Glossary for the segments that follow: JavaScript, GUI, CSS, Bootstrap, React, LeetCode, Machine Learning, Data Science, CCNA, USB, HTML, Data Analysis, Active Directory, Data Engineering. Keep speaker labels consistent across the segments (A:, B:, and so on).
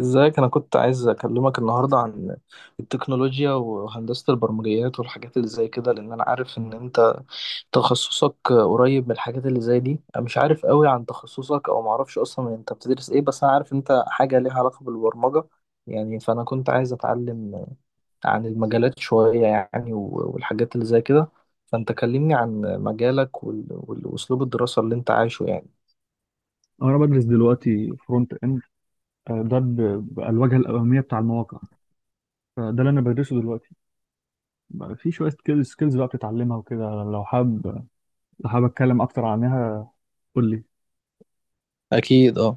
A: ازيك؟ انا كنت عايز اكلمك النهارده عن التكنولوجيا وهندسة البرمجيات والحاجات اللي زي كده، لان انا عارف ان انت تخصصك قريب من الحاجات اللي زي دي. انا مش عارف قوي عن تخصصك، او معرفش اصلا انت بتدرس ايه، بس انا عارف انت حاجة ليها علاقة بالبرمجة يعني. فانا كنت عايز اتعلم عن المجالات شوية يعني والحاجات اللي زي كده. فانت كلمني عن مجالك واسلوب الدراسة اللي انت عايشه يعني.
B: انا بدرس دلوقتي فرونت اند. ده بقى الواجهه الاماميه بتاع المواقع، فده اللي انا بدرسه دلوقتي. بقى في شويه سكيلز بقى بتتعلمها وكده، لو حابب اتكلم اكتر عنها، قول لي.
A: أكيد اه.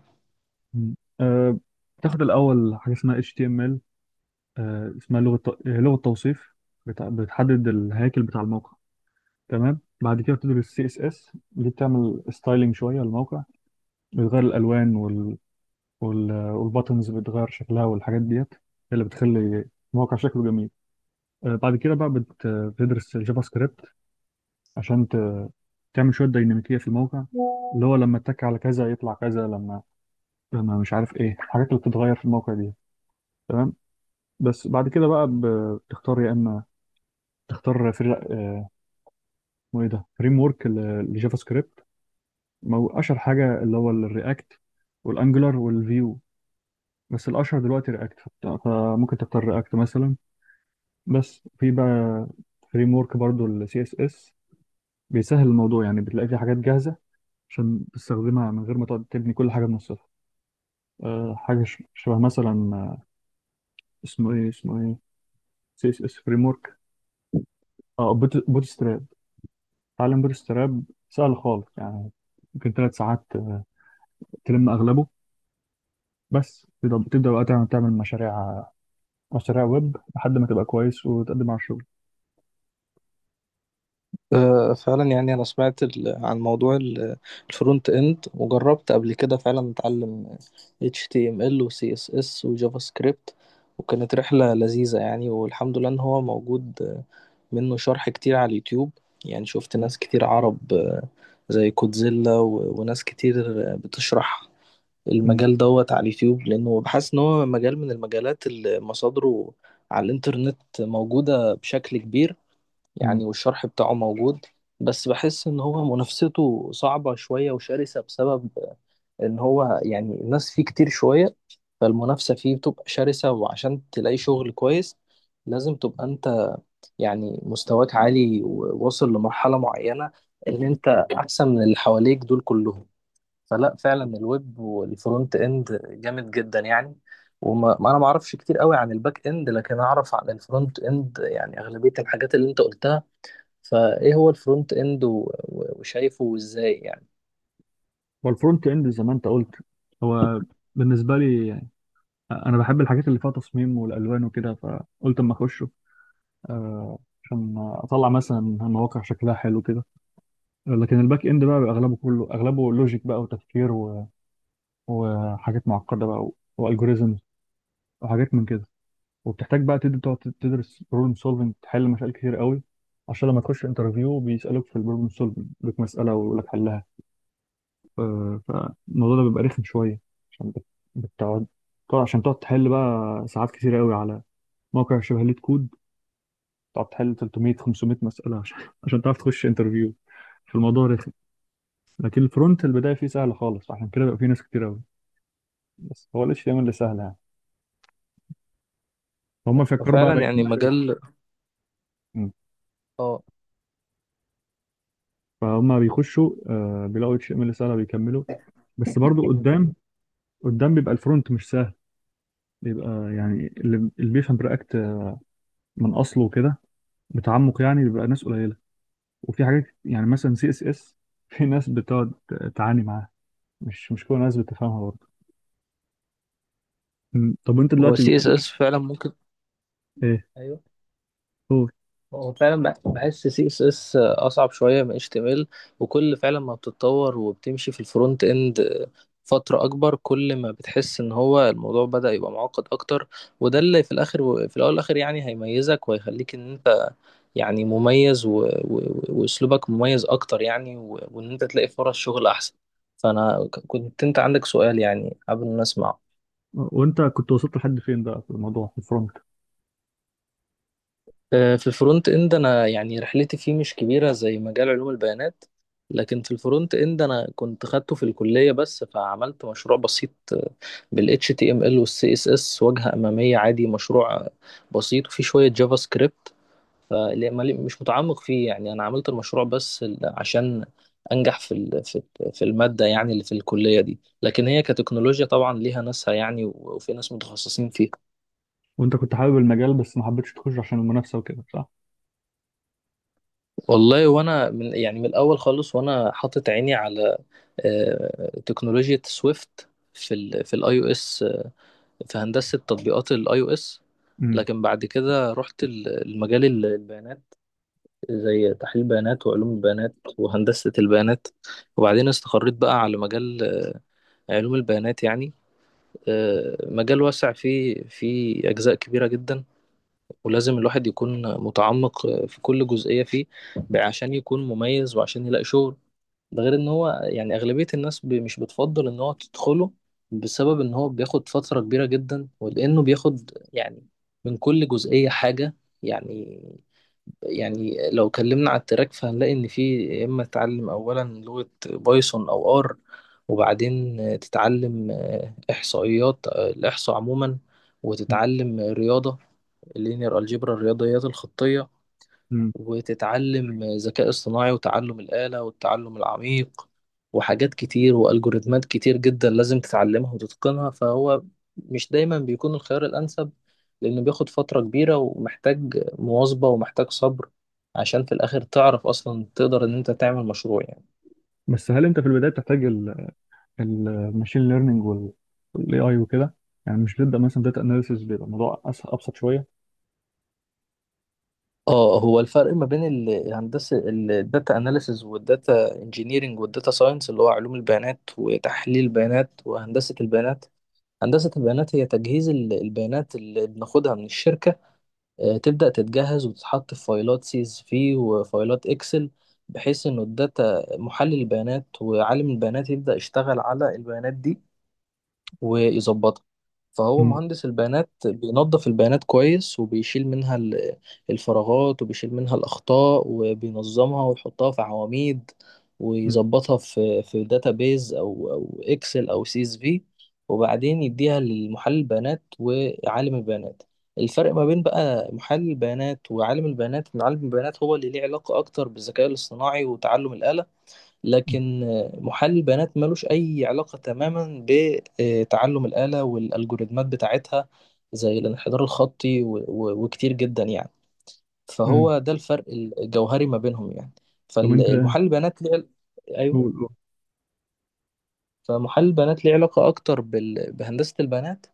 B: مم. بتاخد الاول حاجه اسمها HTML. اسمها لغه لغه توصيف، بتحدد الهيكل بتاع الموقع. تمام. بعد كده بتدرس CSS، دي بتعمل ستايلينج شويه للموقع، بتغير الالوان والباتنز بتغير شكلها، والحاجات ديت هي اللي بتخلي الموقع شكله جميل. بعد كده بقى بتدرس الجافا سكريبت عشان تعمل شوية ديناميكية في الموقع، اللي هو لما اتك على كذا يطلع كذا، لما مش عارف ايه الحاجات اللي بتتغير في الموقع دي. تمام. بس بعد كده بقى بتختار، يا اما تختار فري آه، اسمه ايه ده، فريم ورك للجافا سكريبت. اشهر حاجة اللي هو الرياكت والانجلر والفيو، بس الاشهر دلوقتي رياكت، فممكن تختار رياكت مثلا. بس في بقى فريم ورك برضه السي اس اس، بيسهل الموضوع، يعني بتلاقي في حاجات جاهزة عشان تستخدمها من غير ما تقعد تبني كل حاجة من الصفر. حاجة شبه مثلا اسمه ايه، سي اس اس فريم ورك. اه بوت ستراب. تعلم بوت ستراب سهل خالص يعني. ممكن 3 ساعات تلم اغلبه. بس تبدأ، بقى تعمل مشاريع ويب لحد ما تبقى كويس وتقدم على الشغل.
A: فعلا يعني انا سمعت عن موضوع الفرونت اند، وجربت قبل كده فعلا اتعلم HTML و CSS وجافا سكريبت، وكانت رحلة لذيذة يعني، والحمد لله ان هو موجود، منه شرح كتير على اليوتيوب. يعني شفت ناس كتير عرب، زي كودزيلا وناس كتير بتشرح
B: م-
A: المجال دوت على اليوتيوب، لأنه بحس إن هو مجال من المجالات اللي مصادره على الإنترنت موجودة بشكل كبير
B: م.
A: يعني، والشرح بتاعه موجود. بس بحس ان هو منافسته صعبة شوية وشرسة، بسبب ان هو يعني الناس فيه كتير شوية، فالمنافسة فيه بتبقى شرسة، وعشان تلاقي شغل كويس لازم تبقى انت يعني مستواك عالي وواصل لمرحلة معينة، ان انت احسن من اللي حواليك دول كلهم. فلا، فعلا الويب والفرونت اند جامد جدا يعني، وما ما انا ما اعرفش كتير قوي عن الباك اند، لكن اعرف عن الفرونت اند، يعني اغلبية الحاجات اللي انت قلتها. فايه هو الفرونت اند وشايفه ازاي يعني؟
B: والفرونت اند، زي ما انت قلت، هو بالنسبة لي يعني، أنا بحب الحاجات اللي فيها تصميم والألوان وكده، فقلت أما أخش. عشان اطلع مثلا مواقع شكلها حلو كده. لكن الباك اند بقى، بيبقى اغلبه، كله اغلبه لوجيك بقى وتفكير وحاجات معقده بقى والجوريزمز وحاجات من كده. وبتحتاج بقى تقعد تدرس بروبلم سولفنج، تحل مشاكل كتير قوي، عشان لما تخش انترفيو بيسالوك في البروبلم سولفنج، يدوك مساله ويقول لك حلها. فالموضوع ده بيبقى رخم شويه، عشان بتقعد. طبعا عشان تقعد تحل بقى ساعات كتير قوي على موقع شبه ليت كود، تقعد تحل 300 500 مساله عشان تعرف تخش انترفيو. في الموضوع رخم. لكن الفرونت البدايه فيه سهله خالص، عشان كده بقى فيه ناس كتير قوي، بس هو ال HTML اللي سهل يعني، هم فكروا بقى
A: ففعلا
B: بعيد عن
A: يعني
B: الحاجة.
A: مجال. اه.
B: فهم بيخشوا بيلاقوا HTML سهله، بيكملوا. بس برضو قدام، قدام بيبقى الفرونت مش سهل، بيبقى يعني اللي بيفهم رياكت من اصله كده بتعمق يعني بيبقى ناس قليله. وفي حاجات يعني مثلا سي اس اس، في ناس بتقعد تعاني معاها، مش كل الناس بتفهمها برضه. م. طب انت
A: هو
B: دلوقتي
A: سي اس اس فعلا ممكن.
B: ايه
A: ايوه.
B: هو.
A: هو فعلا بحس سي اس اس اصعب شويه من اتش تي ام ال، وكل فعلا ما بتتطور وبتمشي في الفرونت اند فتره اكبر، كل ما بتحس ان هو الموضوع بدأ يبقى معقد اكتر. وده اللي في الاخر، في الاول والاخر يعني هيميزك وهيخليك ان انت يعني مميز واسلوبك مميز اكتر يعني، وان انت تلاقي فرص شغل احسن. فانا كنت انت عندك سؤال يعني قبل ما اسمع.
B: وانت كنت وصلت لحد فين بقى في الموضوع، في الفرونت؟
A: في الفرونت اند انا يعني رحلتي فيه مش كبيره زي مجال علوم البيانات، لكن في الفرونت اند انا كنت خدته في الكليه، بس فعملت مشروع بسيط بال HTML وال CSS، واجهه اماميه عادي، مشروع بسيط وفيه شويه جافا سكريبت. فمش متعمق فيه يعني، انا عملت المشروع بس عشان انجح في في الماده، يعني اللي في الكليه دي، لكن هي كتكنولوجيا طبعا ليها ناسها يعني، وفي ناس متخصصين.
B: وانت كنت حابب المجال بس ما حبيتش تخش عشان المنافسه وكده، صح؟
A: والله، وانا من يعني من الاول خالص وانا حاطط عيني على تكنولوجيا سويفت، في الاي او اس، في هندسه تطبيقات الاي او اس.
B: امم
A: لكن بعد كده رحت المجال البيانات، زي تحليل بيانات وعلوم البيانات وهندسه البيانات، وبعدين استقريت بقى على مجال علوم البيانات يعني. مجال واسع، فيه اجزاء كبيره جدا، ولازم الواحد يكون متعمق في كل جزئيه فيه عشان يكون مميز وعشان يلاقي شغل. ده غير ان هو يعني اغلبية الناس مش بتفضل ان هو تدخله، بسبب ان هو بياخد فترة كبيرة جدا، ولانه بياخد يعني من كل جزئية حاجة يعني. يعني لو اتكلمنا على التراك فهنلاقي ان في يا اما تتعلم اولا لغة بايثون او ار، وبعدين تتعلم احصائيات، الاحصاء عموما، وتتعلم رياضة، اللينير الجبر، الرياضيات الخطية،
B: امم
A: وتتعلم ذكاء اصطناعي وتعلم الآلة والتعلم العميق، وحاجات كتير، والجوريتمات كتير جدا لازم تتعلمها وتتقنها. فهو مش دايما بيكون الخيار الأنسب، لأنه بياخد فترة كبيرة ومحتاج مواظبة ومحتاج صبر، عشان في الآخر تعرف أصلا تقدر إن أنت تعمل مشروع يعني.
B: بس هل انت في البدايه بتحتاج الماشين ليرنينج والاي اي وكده، يعني مش بتبدا مثلا داتا اناليسيس، بيبقى الموضوع ابسط شويه؟
A: اه، هو الفرق ما بين الهندسة، الداتا اناليسز والداتا انجينيرنج والداتا ساينس، اللي هو علوم البيانات وتحليل البيانات وهندسة البيانات. هندسة البيانات هي تجهيز البيانات اللي بناخدها من الشركة، تبدأ تتجهز وتتحط في فايلات سي اس في وفايلات اكسل، بحيث انه الداتا، محلل البيانات وعالم البيانات، يبدأ يشتغل على البيانات دي ويظبطها. فهو
B: امم
A: مهندس البيانات بينظف البيانات كويس، وبيشيل منها الفراغات، وبيشيل منها الأخطاء، وبينظمها ويحطها في عواميد، ويظبطها في داتابيز، أو إكسل، أو سي إس في، وبعدين يديها لمحلل البيانات وعالم البيانات. الفرق ما بين بقى محلل البيانات وعالم البيانات إن عالم البيانات هو اللي ليه علاقة أكتر بالذكاء الاصطناعي وتعلم الآلة، لكن محلل البيانات ملوش أي علاقة تماما بتعلم الآلة والألجوريتمات بتاعتها، زي الانحدار الخطي وكتير جدا يعني.
B: امم
A: فهو ده الفرق الجوهري ما بينهم يعني.
B: طب انت،
A: فالمحلل البيانات ليه أيوه.
B: قول قول.
A: فمحلل البيانات ليه علاقة أكتر بهندسة البيانات،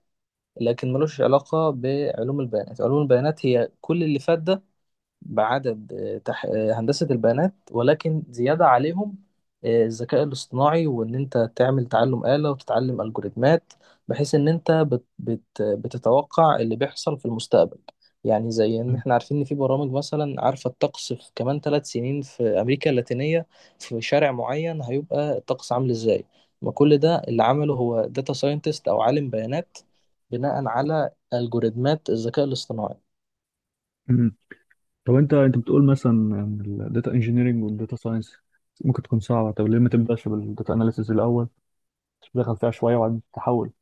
A: لكن ملوش علاقة بعلوم البيانات. علوم البيانات هي كل اللي فات ده، بعدد آه، تح... آه، هندسة البيانات، ولكن زيادة عليهم الذكاء الاصطناعي، وإن أنت تعمل تعلم آلة وتتعلم ألجوريتمات، بحيث إن أنت بتتوقع اللي بيحصل في المستقبل. يعني زي إن إحنا عارفين إن في برامج مثلا عارفة الطقس في كمان 3 سنين في أمريكا اللاتينية، في شارع معين، هيبقى الطقس عامل إزاي. ما كل ده اللي عمله هو داتا ساينتست أو عالم بيانات، بناء على ألجوريتمات الذكاء الاصطناعي.
B: مم. طب انت بتقول مثلا ان الداتا انجينيرنج والداتا ساينس ممكن تكون صعبه، طب ليه ما تبداش بالداتا اناليسيس الاول، تدخل فيها شويه وبعدين تحول؟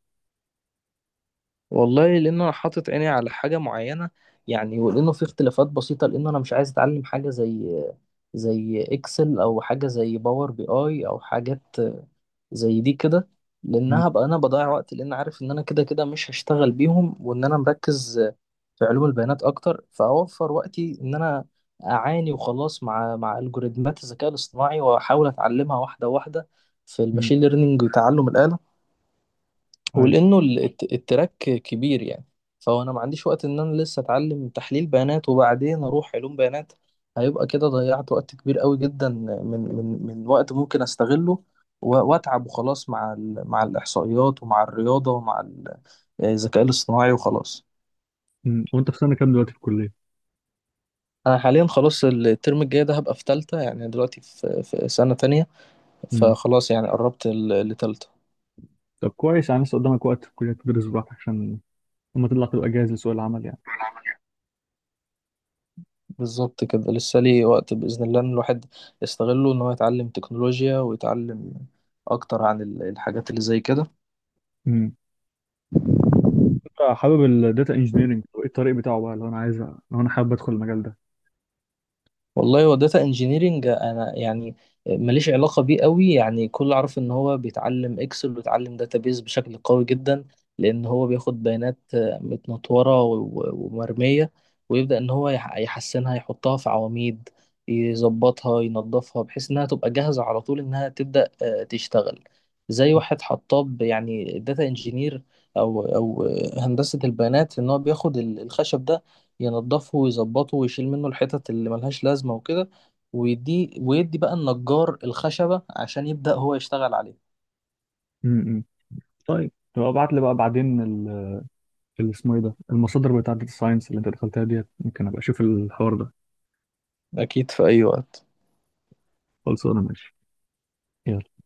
A: والله، لان انا حاطط عيني على حاجه معينه يعني، ولانه في اختلافات بسيطه، لان انا مش عايز اتعلم حاجه زي اكسل، او حاجه زي باور بي اي، او حاجات زي دي كده،
B: امم
A: لانها هبقى انا بضيع وقت، لان عارف ان انا كده كده مش هشتغل بيهم، وان انا مركز في علوم البيانات اكتر. فاوفر وقتي ان انا اعاني وخلاص مع الجوريزمات الذكاء الاصطناعي، واحاول اتعلمها واحده واحده في
B: امم
A: الماشين ليرنينج وتعلم الآلة.
B: ايوه.
A: ولانه التراك كبير يعني، فهو انا ما عنديش وقت ان انا لسه اتعلم تحليل بيانات وبعدين اروح علوم بيانات، هيبقى كده ضيعت وقت كبير قوي جدا من من وقت ممكن استغله، واتعب وخلاص مع مع الاحصائيات ومع الرياضه ومع الذكاء الاصطناعي وخلاص.
B: مم. وانت في سنه كام دلوقتي في الكليه؟
A: انا حاليا خلاص الترم الجاي ده هبقى في تالتة، يعني دلوقتي في سنه تانية، فخلاص يعني قربت لتالتة.
B: طب كويس، يعني لسه قدامك وقت في الكلية تدرس براحتك، عشان لما تطلع تبقى جاهز لسوق العمل يعني.
A: بالظبط كده، لسه ليه وقت بإذن الله، إن الواحد يستغله إن هو يتعلم تكنولوجيا، ويتعلم أكتر عن الحاجات اللي زي كده.
B: امم أنت حابب الداتا انجينيرنج، وايه الطريق بتاعه بقى؟ لو انا حابب ادخل المجال ده.
A: والله، هو داتا انجينيرنج انا يعني ماليش علاقه بيه قوي يعني، كل عارف ان هو بيتعلم اكسل وبيتعلم داتابيز بشكل قوي جدا، لان هو بياخد بيانات متنطوره ومرميه، ويبدا ان هو يحسنها، يحطها في عواميد، يظبطها ينظفها، بحيث انها تبقى جاهزه على طول انها تبدا تشتغل. زي واحد حطاب يعني، داتا انجينير او هندسه البيانات، ان هو بياخد الخشب ده ينضفه ويظبطه ويشيل منه الحتت اللي ملهاش لازمة وكده، ويدي بقى النجار الخشبة عشان يبدأ هو يشتغل عليه.
B: امم طيب تبقى ابعت لي بقى بعدين اللي اسمه ايه ده، المصادر بتاعت الداتا ساينس اللي انت دخلتها ديت، ممكن ابقى اشوف الحوار ده.
A: أكيد في أي وقت.
B: خلصانه، ماشي. يلا.